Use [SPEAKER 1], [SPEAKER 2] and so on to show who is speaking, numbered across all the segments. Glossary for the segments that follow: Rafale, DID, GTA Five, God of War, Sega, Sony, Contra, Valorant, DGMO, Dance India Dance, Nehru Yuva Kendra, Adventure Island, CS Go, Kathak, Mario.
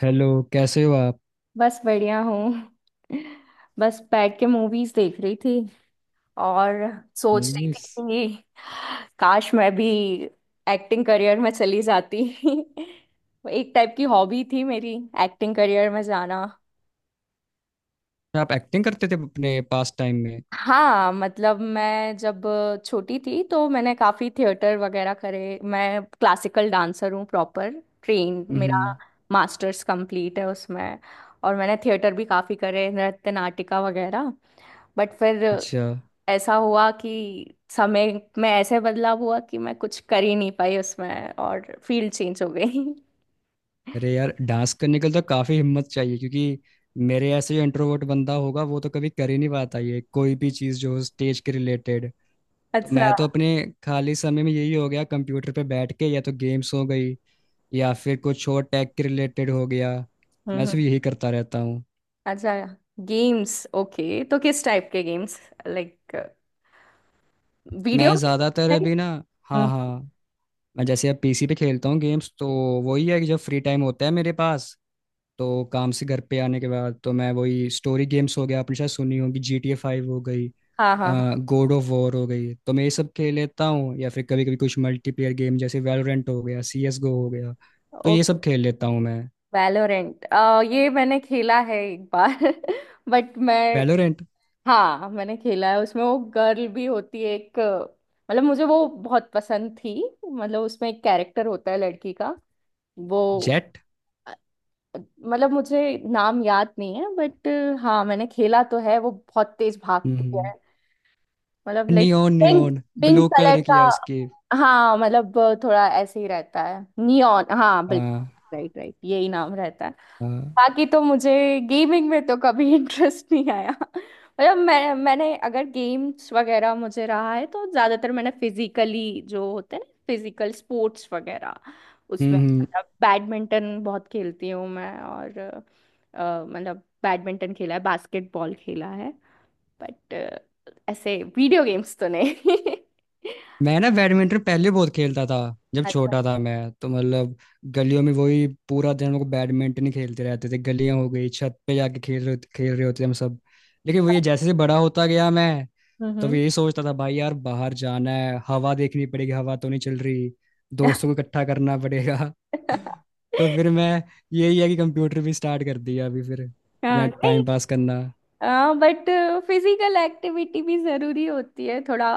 [SPEAKER 1] Hello. कैसे हो आप?
[SPEAKER 2] बस बढ़िया हूँ। बस बैठ के मूवीज देख रही थी और सोच रही थी
[SPEAKER 1] मूवीज?
[SPEAKER 2] कि काश मैं भी एक्टिंग करियर में चली जाती। एक टाइप की हॉबी थी मेरी, एक्टिंग करियर में जाना।
[SPEAKER 1] में आप एक्टिंग करते थे अपने पास टाइम में?
[SPEAKER 2] हाँ, मतलब मैं जब छोटी थी तो मैंने काफी थिएटर वगैरह करे। मैं क्लासिकल डांसर हूँ, प्रॉपर ट्रेन। मेरा
[SPEAKER 1] हम्म।
[SPEAKER 2] मास्टर्स कंप्लीट है उसमें, और मैंने थिएटर भी काफी करे, नृत्य नाटिका वगैरह। बट फिर
[SPEAKER 1] अच्छा।
[SPEAKER 2] ऐसा हुआ कि समय में ऐसे बदलाव हुआ कि मैं कुछ कर ही नहीं पाई उसमें और फील्ड चेंज हो गई।
[SPEAKER 1] अरे यार डांस करने के लिए तो काफ़ी हिम्मत चाहिए क्योंकि मेरे ऐसे जो इंट्रोवर्ट बंदा होगा वो तो कभी कर ही नहीं पाता ये कोई भी चीज़ जो हो स्टेज के रिलेटेड। तो
[SPEAKER 2] अच्छा।
[SPEAKER 1] मैं तो अपने खाली समय में यही हो गया कंप्यूटर पे बैठ के या तो गेम्स हो गई या फिर कुछ और टेक के रिलेटेड हो गया। मैं
[SPEAKER 2] हम्म। हम्म।
[SPEAKER 1] सिर्फ यही करता रहता हूँ।
[SPEAKER 2] अच्छा, गेम्स। ओके, तो किस टाइप के गेम्स? Like, video?
[SPEAKER 1] मैं ज़्यादातर अभी ना। हाँ
[SPEAKER 2] हम्म।
[SPEAKER 1] हाँ। मैं जैसे अब PC पे खेलता हूँ गेम्स तो वही है कि जब फ्री टाइम होता है मेरे पास तो काम से घर पे आने के बाद तो मैं वही स्टोरी गेम्स हो गया आपने शायद सुनी होगी GTA 5 हो गई
[SPEAKER 2] हाँ हाँ हाँ।
[SPEAKER 1] गॉड ऑफ वॉर हो गई तो मैं ये सब खेल लेता हूँ या फिर कभी कभी कुछ मल्टीप्लेयर गेम जैसे वैलोरेंट हो गया CS Go हो गया तो ये
[SPEAKER 2] ओके।
[SPEAKER 1] सब खेल लेता हूँ मैं।
[SPEAKER 2] वैलोरेंट, ये मैंने खेला है एक बार। बट मैं,
[SPEAKER 1] वैलोरेंट।
[SPEAKER 2] हाँ मैंने खेला है। उसमें वो गर्ल भी होती है एक, मतलब मुझे वो बहुत पसंद थी। मतलब उसमें एक कैरेक्टर होता है लड़की का, वो,
[SPEAKER 1] जेट।
[SPEAKER 2] मतलब मुझे नाम याद नहीं है बट हाँ, मैंने खेला तो है। वो बहुत तेज भागती
[SPEAKER 1] नियॉन।
[SPEAKER 2] है, मतलब like
[SPEAKER 1] neon.
[SPEAKER 2] Pink, pink
[SPEAKER 1] blue colour
[SPEAKER 2] colour का।
[SPEAKER 1] किया उसकी।
[SPEAKER 2] हाँ, मतलब थोड़ा ऐसे ही रहता है, नियॉन, हाँ बिल्कुल।
[SPEAKER 1] हाँ
[SPEAKER 2] राइट राइट, यही नाम रहता है।
[SPEAKER 1] हाँ।
[SPEAKER 2] बाकी तो मुझे गेमिंग में तो कभी इंटरेस्ट नहीं आया। मतलब मैंने अगर गेम्स वगैरह मुझे रहा है तो ज्यादातर मैंने फिजिकली जो होते हैं ना, फिजिकल स्पोर्ट्स वगैरह। उसमें
[SPEAKER 1] हम्म, हम्म,
[SPEAKER 2] मतलब बैडमिंटन बहुत खेलती हूँ मैं, और मतलब बैडमिंटन खेला है, बास्केटबॉल खेला है। बट ऐसे वीडियो गेम्स तो नहीं।
[SPEAKER 1] मैं ना बैडमिंटन पहले बहुत खेलता था जब
[SPEAKER 2] अच्छा।
[SPEAKER 1] छोटा था मैं तो मतलब गलियों में वही पूरा दिन हम लोग बैडमिंटन ही खेलते रहते थे गलियां हो गई छत पे जाके खेल रहे होते हम सब। लेकिन वो ये जैसे जैसे बड़ा होता गया मैं तो
[SPEAKER 2] हम्म।
[SPEAKER 1] भी यही सोचता था भाई यार बाहर जाना है हवा देखनी पड़ेगी हवा तो नहीं चल रही दोस्तों को इकट्ठा करना पड़ेगा तो फिर मैं यही है कि कंप्यूटर भी स्टार्ट कर दिया अभी फिर अपना
[SPEAKER 2] हाँ, नहीं,
[SPEAKER 1] टाइम पास करना।
[SPEAKER 2] हाँ बट फिजिकल एक्टिविटी भी जरूरी होती है थोड़ा,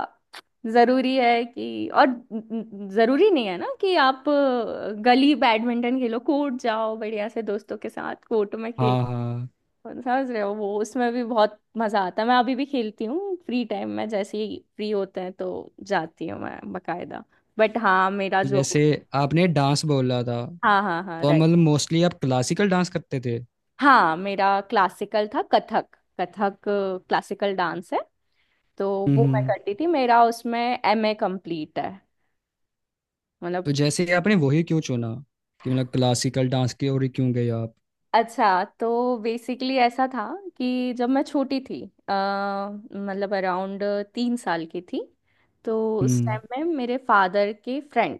[SPEAKER 2] जरूरी है कि, और जरूरी नहीं है ना कि आप, गली बैडमिंटन खेलो, कोर्ट जाओ बढ़िया से दोस्तों के साथ कोर्ट में खेलो।
[SPEAKER 1] हाँ हाँ।
[SPEAKER 2] समझ रहे हो, वो उसमें भी बहुत मजा आता है। मैं अभी भी खेलती हूँ फ्री टाइम में, जैसे ही फ्री होते हैं तो जाती हूँ मैं बकायदा। बट हाँ, मेरा
[SPEAKER 1] तो
[SPEAKER 2] जो।
[SPEAKER 1] जैसे आपने डांस बोला था
[SPEAKER 2] हाँ हाँ हाँ,
[SPEAKER 1] तो हम
[SPEAKER 2] राइट।
[SPEAKER 1] मतलब मोस्टली आप क्लासिकल डांस करते थे?
[SPEAKER 2] हाँ, मेरा क्लासिकल था कथक। कथक क्लासिकल डांस है, तो वो मैं
[SPEAKER 1] हम्म।
[SPEAKER 2] करती थी। मेरा उसमें एमए कंप्लीट है, मतलब।
[SPEAKER 1] तो जैसे ही आपने वही क्यों चुना कि मतलब क्लासिकल डांस की ओर ही क्यों गए आप?
[SPEAKER 2] अच्छा, तो बेसिकली ऐसा था कि जब मैं छोटी थी, मतलब अराउंड 3 साल की थी, तो उस
[SPEAKER 1] हम्म।
[SPEAKER 2] टाइम में मेरे फादर के फ्रेंड,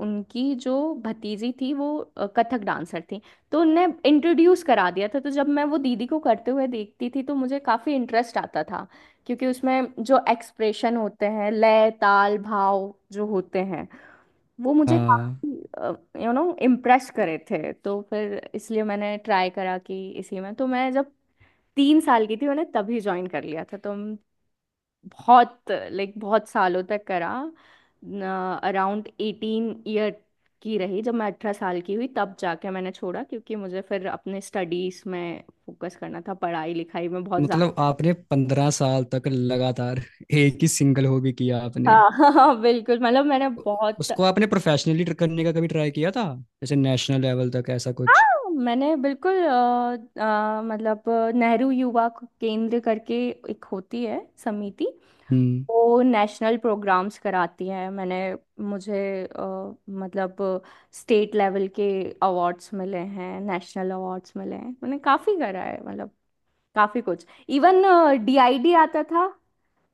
[SPEAKER 2] उनकी जो भतीजी थी वो कथक डांसर थी, तो उनने इंट्रोड्यूस करा दिया था। तो जब मैं वो दीदी को करते हुए देखती थी तो मुझे काफ़ी इंटरेस्ट आता था, क्योंकि उसमें जो एक्सप्रेशन होते हैं, लय ताल भाव जो होते हैं, वो मुझे
[SPEAKER 1] हाँ
[SPEAKER 2] काफी, इम्प्रेस करे थे। तो फिर इसलिए मैंने ट्राई करा कि इसी में। तो मैं जब 3 साल की थी, मैंने तभी ज्वाइन कर लिया था, तो हम बहुत, लाइक बहुत सालों तक करा। अराउंड 18 ईयर की रही, जब मैं 18 साल की हुई तब जाके मैंने छोड़ा, क्योंकि मुझे फिर अपने स्टडीज में फोकस करना था, पढ़ाई लिखाई में बहुत ज्यादा।
[SPEAKER 1] मतलब आपने 15 साल तक लगातार एक ही सिंगल हॉबी किया आपने?
[SPEAKER 2] हाँ। हाँ बिल्कुल, मतलब मैंने बहुत।
[SPEAKER 1] उसको आपने प्रोफेशनली करने का कभी ट्राई किया था जैसे नेशनल लेवल तक ऐसा कुछ?
[SPEAKER 2] हाँ मैंने बिल्कुल, मतलब नेहरू युवा केंद्र करके एक होती है समिति,
[SPEAKER 1] हम्म।
[SPEAKER 2] वो नेशनल प्रोग्राम्स कराती है। मैंने, मुझे, मतलब स्टेट लेवल के अवार्ड्स मिले हैं, नेशनल अवार्ड्स मिले हैं। मैंने काफ़ी करा है, मतलब काफ़ी कुछ। इवन डीआईडी आता था।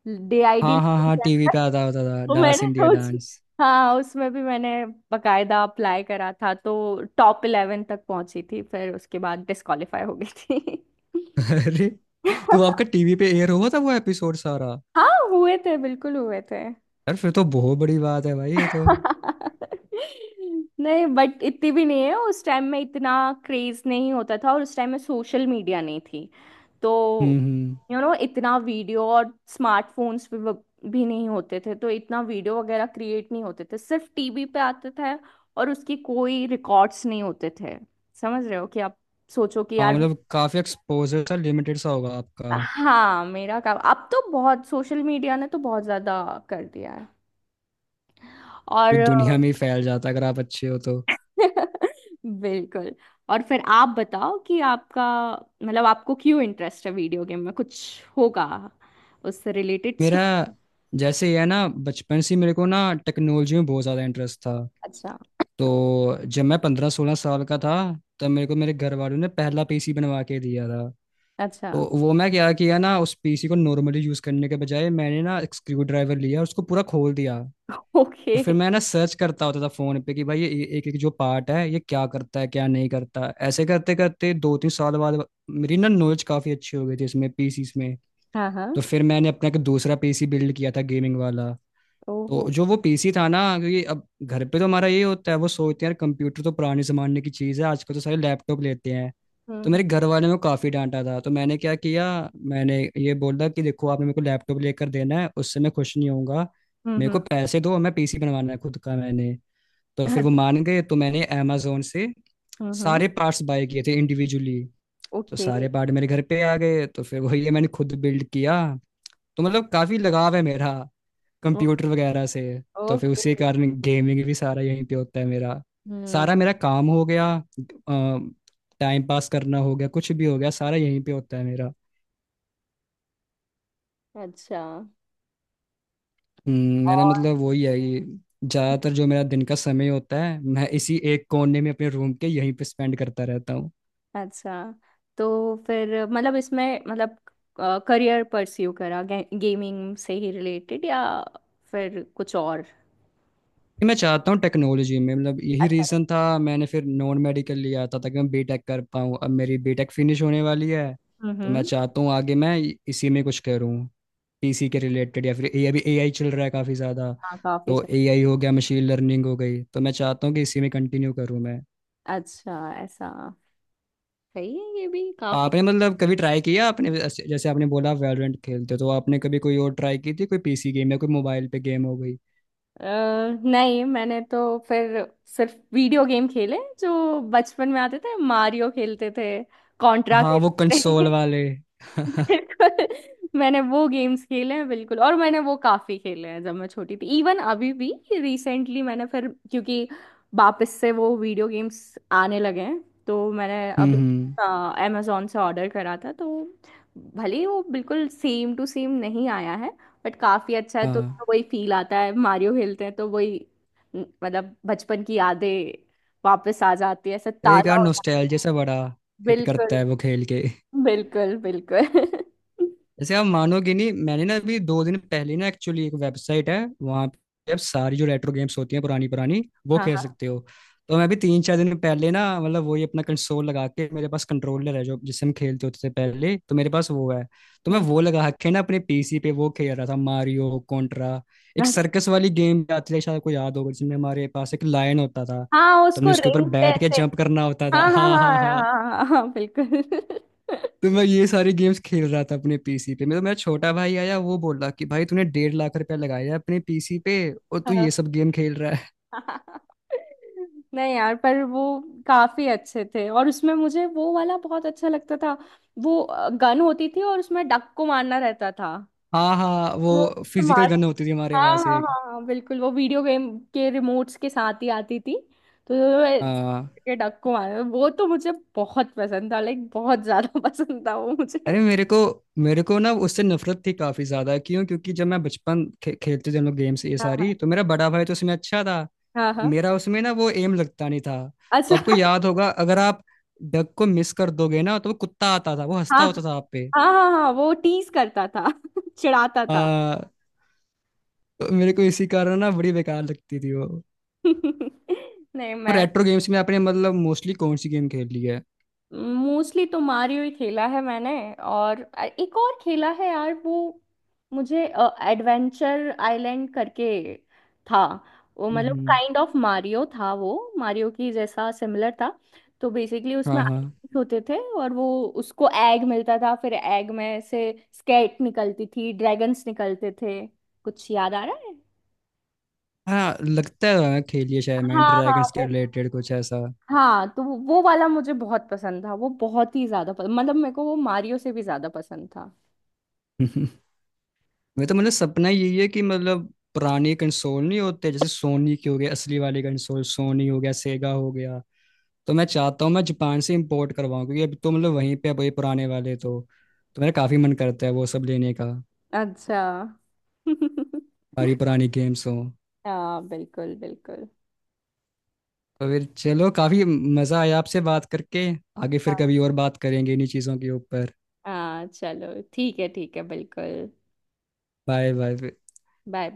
[SPEAKER 2] डीआईडी।
[SPEAKER 1] हाँ हाँ हाँ TV पे आता होता था
[SPEAKER 2] तो
[SPEAKER 1] डांस
[SPEAKER 2] मैंने
[SPEAKER 1] इंडिया
[SPEAKER 2] उस,
[SPEAKER 1] डांस।
[SPEAKER 2] हाँ उसमें भी मैंने बकायदा अप्लाई करा था, तो टॉप 11 तक पहुंची थी, फिर उसके बाद डिस्क्वालीफाई हो गई थी।
[SPEAKER 1] अरे। तो वो आपका TV पे एयर हुआ था वो एपिसोड सारा?
[SPEAKER 2] हाँ हुए थे, बिल्कुल हुए थे।
[SPEAKER 1] यार फिर तो बहुत बड़ी बात है भाई ये तो।
[SPEAKER 2] नहीं बट इतनी भी नहीं है। उस टाइम में इतना क्रेज नहीं होता था, और उस टाइम में सोशल मीडिया नहीं थी, तो
[SPEAKER 1] हम्म।
[SPEAKER 2] इतना वीडियो और स्मार्टफोन्स भी नहीं होते थे, तो इतना वीडियो वगैरह क्रिएट नहीं होते थे, सिर्फ टीवी पे आते थे, और उसकी कोई रिकॉर्ड्स नहीं होते थे। समझ रहे हो कि आप सोचो कि
[SPEAKER 1] हाँ
[SPEAKER 2] यार।
[SPEAKER 1] मतलब काफी एक्सपोजर सा लिमिटेड सा होगा आपका।
[SPEAKER 2] हाँ, मेरा काम, अब तो बहुत सोशल मीडिया ने तो बहुत ज्यादा कर दिया है।
[SPEAKER 1] पूरी
[SPEAKER 2] और
[SPEAKER 1] दुनिया में ही फैल जाता है अगर आप अच्छे हो तो।
[SPEAKER 2] बिल्कुल। और फिर आप बताओ कि आपका, मतलब आपको क्यों इंटरेस्ट है वीडियो गेम में? कुछ होगा उससे रिलेटेड
[SPEAKER 1] मेरा
[SPEAKER 2] स्टोरी।
[SPEAKER 1] जैसे ये है ना बचपन से ही मेरे को ना टेक्नोलॉजी में बहुत ज़्यादा इंटरेस्ट था।
[SPEAKER 2] अच्छा।
[SPEAKER 1] तो जब मैं 15-16 साल का था तब मेरे को मेरे घर वालों ने पहला PC बनवा के दिया था।
[SPEAKER 2] अच्छा।
[SPEAKER 1] तो वो मैं क्या किया ना उस PC को नॉर्मली यूज़ करने के बजाय मैंने ना एक स्क्रू ड्राइवर लिया और उसको पूरा खोल दिया। और
[SPEAKER 2] ओके।
[SPEAKER 1] फिर मैं ना सर्च करता होता था फ़ोन पे कि भाई ये एक एक जो पार्ट है ये क्या करता है क्या नहीं करता ऐसे करते करते 2-3 साल बाद मेरी ना नॉलेज काफ़ी अच्छी हो गई थी इसमें PCs में।
[SPEAKER 2] हाँ हाँ।
[SPEAKER 1] तो फिर मैंने अपना एक दूसरा PC बिल्ड किया था गेमिंग वाला। तो
[SPEAKER 2] ओहो।
[SPEAKER 1] जो वो PC था ना क्योंकि अब घर पे तो हमारा ये होता है वो सोचते हैं यार कंप्यूटर तो पुराने जमाने की चीज़ है आजकल तो सारे लैपटॉप लेते हैं। तो
[SPEAKER 2] हम्म
[SPEAKER 1] मेरे घर वाले ने काफ़ी डांटा था तो मैंने क्या किया मैंने ये बोला कि देखो आपने मेरे को लैपटॉप लेकर देना है उससे मैं खुश नहीं होऊंगा। मेरे
[SPEAKER 2] हम्म
[SPEAKER 1] को पैसे दो मैं PC बनवाना है खुद का मैंने। तो फिर वो मान गए तो मैंने अमेजोन से
[SPEAKER 2] हम्म।
[SPEAKER 1] सारे पार्ट्स बाय किए थे इंडिविजुअली। तो
[SPEAKER 2] ओके
[SPEAKER 1] सारे पार्ट मेरे घर पे आ गए तो फिर वही है मैंने खुद बिल्ड किया। तो मतलब काफी लगाव है मेरा कंप्यूटर वगैरह से। तो फिर
[SPEAKER 2] ओके।
[SPEAKER 1] उसी के कारण गेमिंग भी सारा यहीं पे होता है मेरा।
[SPEAKER 2] हम्म।
[SPEAKER 1] सारा मेरा काम हो गया टाइम पास करना हो गया कुछ भी हो गया सारा यहीं पे होता है मेरा।
[SPEAKER 2] अच्छा।
[SPEAKER 1] मेरा
[SPEAKER 2] और?
[SPEAKER 1] मतलब वही है कि ज्यादातर जो मेरा दिन का समय होता है मैं इसी एक कोने में अपने रूम के यहीं पे स्पेंड करता रहता हूँ।
[SPEAKER 2] अच्छा, तो फिर मतलब इसमें, मतलब करियर परस्यू करा गेमिंग से ही रिलेटेड, या फिर कुछ और?
[SPEAKER 1] मैं चाहता हूँ टेक्नोलॉजी में मतलब यही
[SPEAKER 2] अच्छा।
[SPEAKER 1] रीज़न था मैंने फिर नॉन मेडिकल लिया था ताकि मैं बीटेक कर पाऊँ अब मेरी बीटेक फिनिश होने वाली है। तो मैं
[SPEAKER 2] हम्म।
[SPEAKER 1] चाहता हूँ आगे मैं इसी में कुछ करूँ पीसी के रिलेटेड या फिर ए अभी AI चल रहा है काफ़ी ज़्यादा।
[SPEAKER 2] हाँ काफी
[SPEAKER 1] तो AI हो गया मशीन लर्निंग हो गई तो मैं चाहता हूँ कि इसी में कंटिन्यू करूँ मैं।
[SPEAKER 2] अच्छा, ऐसा। सही है, ये भी काफी।
[SPEAKER 1] आपने मतलब कभी ट्राई किया आपने जैसे जैसे आपने बोला आप वैलोरेंट खेलते हो तो आपने कभी कोई और ट्राई की थी कोई PC गेम या कोई मोबाइल पे गेम हो गई?
[SPEAKER 2] अ, नहीं, मैंने तो फिर सिर्फ वीडियो गेम खेले जो बचपन में आते थे, मारियो खेलते थे, कॉन्ट्रा
[SPEAKER 1] हाँ वो
[SPEAKER 2] खेलते थे।
[SPEAKER 1] कंसोल वाले हम्म।
[SPEAKER 2] बिल्कुल, मैंने वो गेम्स खेले हैं बिल्कुल, और मैंने वो काफी खेले हैं जब मैं छोटी थी। इवन अभी भी, रिसेंटली मैंने फिर, क्योंकि वापस से वो वीडियो गेम्स आने लगे हैं, तो मैंने अभी
[SPEAKER 1] हम्म।
[SPEAKER 2] अमेजोन से ऑर्डर करा था, तो भले ही वो बिल्कुल सेम टू सेम नहीं आया है बट काफी अच्छा है, तो
[SPEAKER 1] हाँ।
[SPEAKER 2] उसमें वही फील आता है। मारियो खेलते हैं तो वही, मतलब बचपन की यादें वापस आ जाती है, ऐसा
[SPEAKER 1] एक
[SPEAKER 2] ताजा
[SPEAKER 1] यार
[SPEAKER 2] हो जाती
[SPEAKER 1] नोस्टैल्जिया से बड़ा
[SPEAKER 2] है।
[SPEAKER 1] हिट करता है
[SPEAKER 2] बिल्कुल
[SPEAKER 1] वो खेल के।
[SPEAKER 2] बिल्कुल बिल्कुल।
[SPEAKER 1] जैसे आप मानोगे नहीं मैंने ना अभी 2 दिन पहले ना एक्चुअली एक वेबसाइट है वहाँ पे आप सारी जो रेट्रो गेम्स होती हैं पुरानी पुरानी वो
[SPEAKER 2] हाँ
[SPEAKER 1] खेल
[SPEAKER 2] हाँ।
[SPEAKER 1] सकते हो। तो मैं अभी 3-4 दिन पहले ना मतलब वही अपना कंसोल लगा के मेरे पास कंट्रोलर है जो जिससे हम खेलते होते थे पहले तो मेरे पास वो है। तो मैं
[SPEAKER 2] हम्म।
[SPEAKER 1] वो लगा के ना अपने PC पे वो खेल रहा था मारियो कॉन्ट्रा। एक
[SPEAKER 2] अच्छा।
[SPEAKER 1] सर्कस वाली गेम भी आती है शायद आपको याद होगा जिसमें हमारे पास एक लायन होता था।
[SPEAKER 2] हाँ,
[SPEAKER 1] तो हमने
[SPEAKER 2] उसको
[SPEAKER 1] उसके ऊपर
[SPEAKER 2] रिंग से
[SPEAKER 1] बैठ के
[SPEAKER 2] ऐसे।
[SPEAKER 1] जंप करना होता था
[SPEAKER 2] हाँ हाँ
[SPEAKER 1] हाँ हाँ
[SPEAKER 2] हाँ
[SPEAKER 1] हाँ।
[SPEAKER 2] हाँ हाँ हाँ, बिल्कुल।
[SPEAKER 1] तो मैं ये सारे गेम्स खेल रहा था अपने PC पे मेरा मेरा छोटा भाई आया वो बोला कि भाई तूने 1.5 लाख रुपया लगाया है अपने PC पे और
[SPEAKER 2] हाँ।
[SPEAKER 1] तू
[SPEAKER 2] हाँ, हाँ,
[SPEAKER 1] ये सब गेम खेल रहा है।
[SPEAKER 2] हाँ। नहीं यार, पर वो काफी अच्छे थे, और उसमें मुझे वो वाला बहुत अच्छा लगता था। वो गन होती थी और उसमें डक को मारना रहता था।
[SPEAKER 1] हाँ हाँ
[SPEAKER 2] वो
[SPEAKER 1] वो फिजिकल
[SPEAKER 2] स्मार्ट,
[SPEAKER 1] गन होती थी हमारे
[SPEAKER 2] हाँ
[SPEAKER 1] पास
[SPEAKER 2] हाँ
[SPEAKER 1] एक।
[SPEAKER 2] हाँ हाँ बिल्कुल, वो वीडियो गेम के रिमोट्स के साथ ही आती थी। तो मैं,
[SPEAKER 1] हाँ।
[SPEAKER 2] के डक को मारना, वो तो मुझे बहुत पसंद था, लाइक बहुत ज्यादा पसंद था वो मुझे।
[SPEAKER 1] अरे मेरे को ना उससे नफरत थी काफी ज्यादा क्यों क्योंकि जब मैं बचपन खेलते थे हम लोग गेम्स ये
[SPEAKER 2] हाँ हाँ
[SPEAKER 1] सारी तो मेरा बड़ा भाई तो उसमें अच्छा था।
[SPEAKER 2] हाँ हाँ।
[SPEAKER 1] मेरा उसमें ना वो एम लगता नहीं था। तो
[SPEAKER 2] अच्छा।
[SPEAKER 1] आपको याद होगा अगर आप डग को मिस कर दोगे ना तो वो कुत्ता आता था वो हंसता
[SPEAKER 2] हाँ
[SPEAKER 1] होता था आप पे।
[SPEAKER 2] हाँ हाँ हाँ, वो टीज करता था, चिढ़ाता था।
[SPEAKER 1] हाँ, तो मेरे को इसी कारण ना बड़ी बेकार लगती थी वो।
[SPEAKER 2] नहीं
[SPEAKER 1] और
[SPEAKER 2] मैं,
[SPEAKER 1] रेट्रो गेम्स में आपने मतलब मोस्टली कौन सी गेम खेली है?
[SPEAKER 2] मोस्टली तो मारियो ही खेला है मैंने। और एक और खेला है यार वो, मुझे एडवेंचर आइलैंड करके था वो, मतलब
[SPEAKER 1] हम्म।
[SPEAKER 2] काइंड ऑफ मारियो था वो, मारियो की जैसा सिमिलर था। तो बेसिकली
[SPEAKER 1] हाँ
[SPEAKER 2] उसमें
[SPEAKER 1] हाँ
[SPEAKER 2] islands होते थे, और वो, उसको एग मिलता था, फिर एग में से स्केट निकलती थी, ड्रैगन्स निकलते थे। कुछ याद आ रहा है?
[SPEAKER 1] हाँ लगता है खेलिए शायद मैं
[SPEAKER 2] हाँ हाँ,
[SPEAKER 1] ड्रैगन्स के
[SPEAKER 2] वो,
[SPEAKER 1] रिलेटेड कुछ ऐसा।
[SPEAKER 2] हाँ, तो वो वाला मुझे बहुत पसंद था, वो बहुत ही ज्यादा पसंद, मतलब मेरे को वो मारियो से भी ज्यादा पसंद था।
[SPEAKER 1] मैं तो मतलब सपना यही है कि मतलब पुराने कंसोल नहीं होते जैसे सोनी के हो गए असली वाले कंसोल सोनी हो गया सेगा हो गया। तो मैं चाहता हूँ मैं जापान से इंपोर्ट करवाऊँ क्योंकि अभी तो मतलब वहीं पे अब ये पुराने वाले तो। तो मेरा काफी मन करता है वो सब लेने का
[SPEAKER 2] अच्छा।
[SPEAKER 1] सारी पुरानी गेम्स हो।
[SPEAKER 2] हाँ बिल्कुल बिल्कुल।
[SPEAKER 1] तो फिर चलो काफी मजा आया आपसे बात करके आगे फिर
[SPEAKER 2] हाँ।
[SPEAKER 1] कभी और बात करेंगे इन्हीं चीजों के ऊपर।
[SPEAKER 2] हाँ चलो ठीक है, ठीक है बिल्कुल।
[SPEAKER 1] Bye bye.
[SPEAKER 2] Bye bye.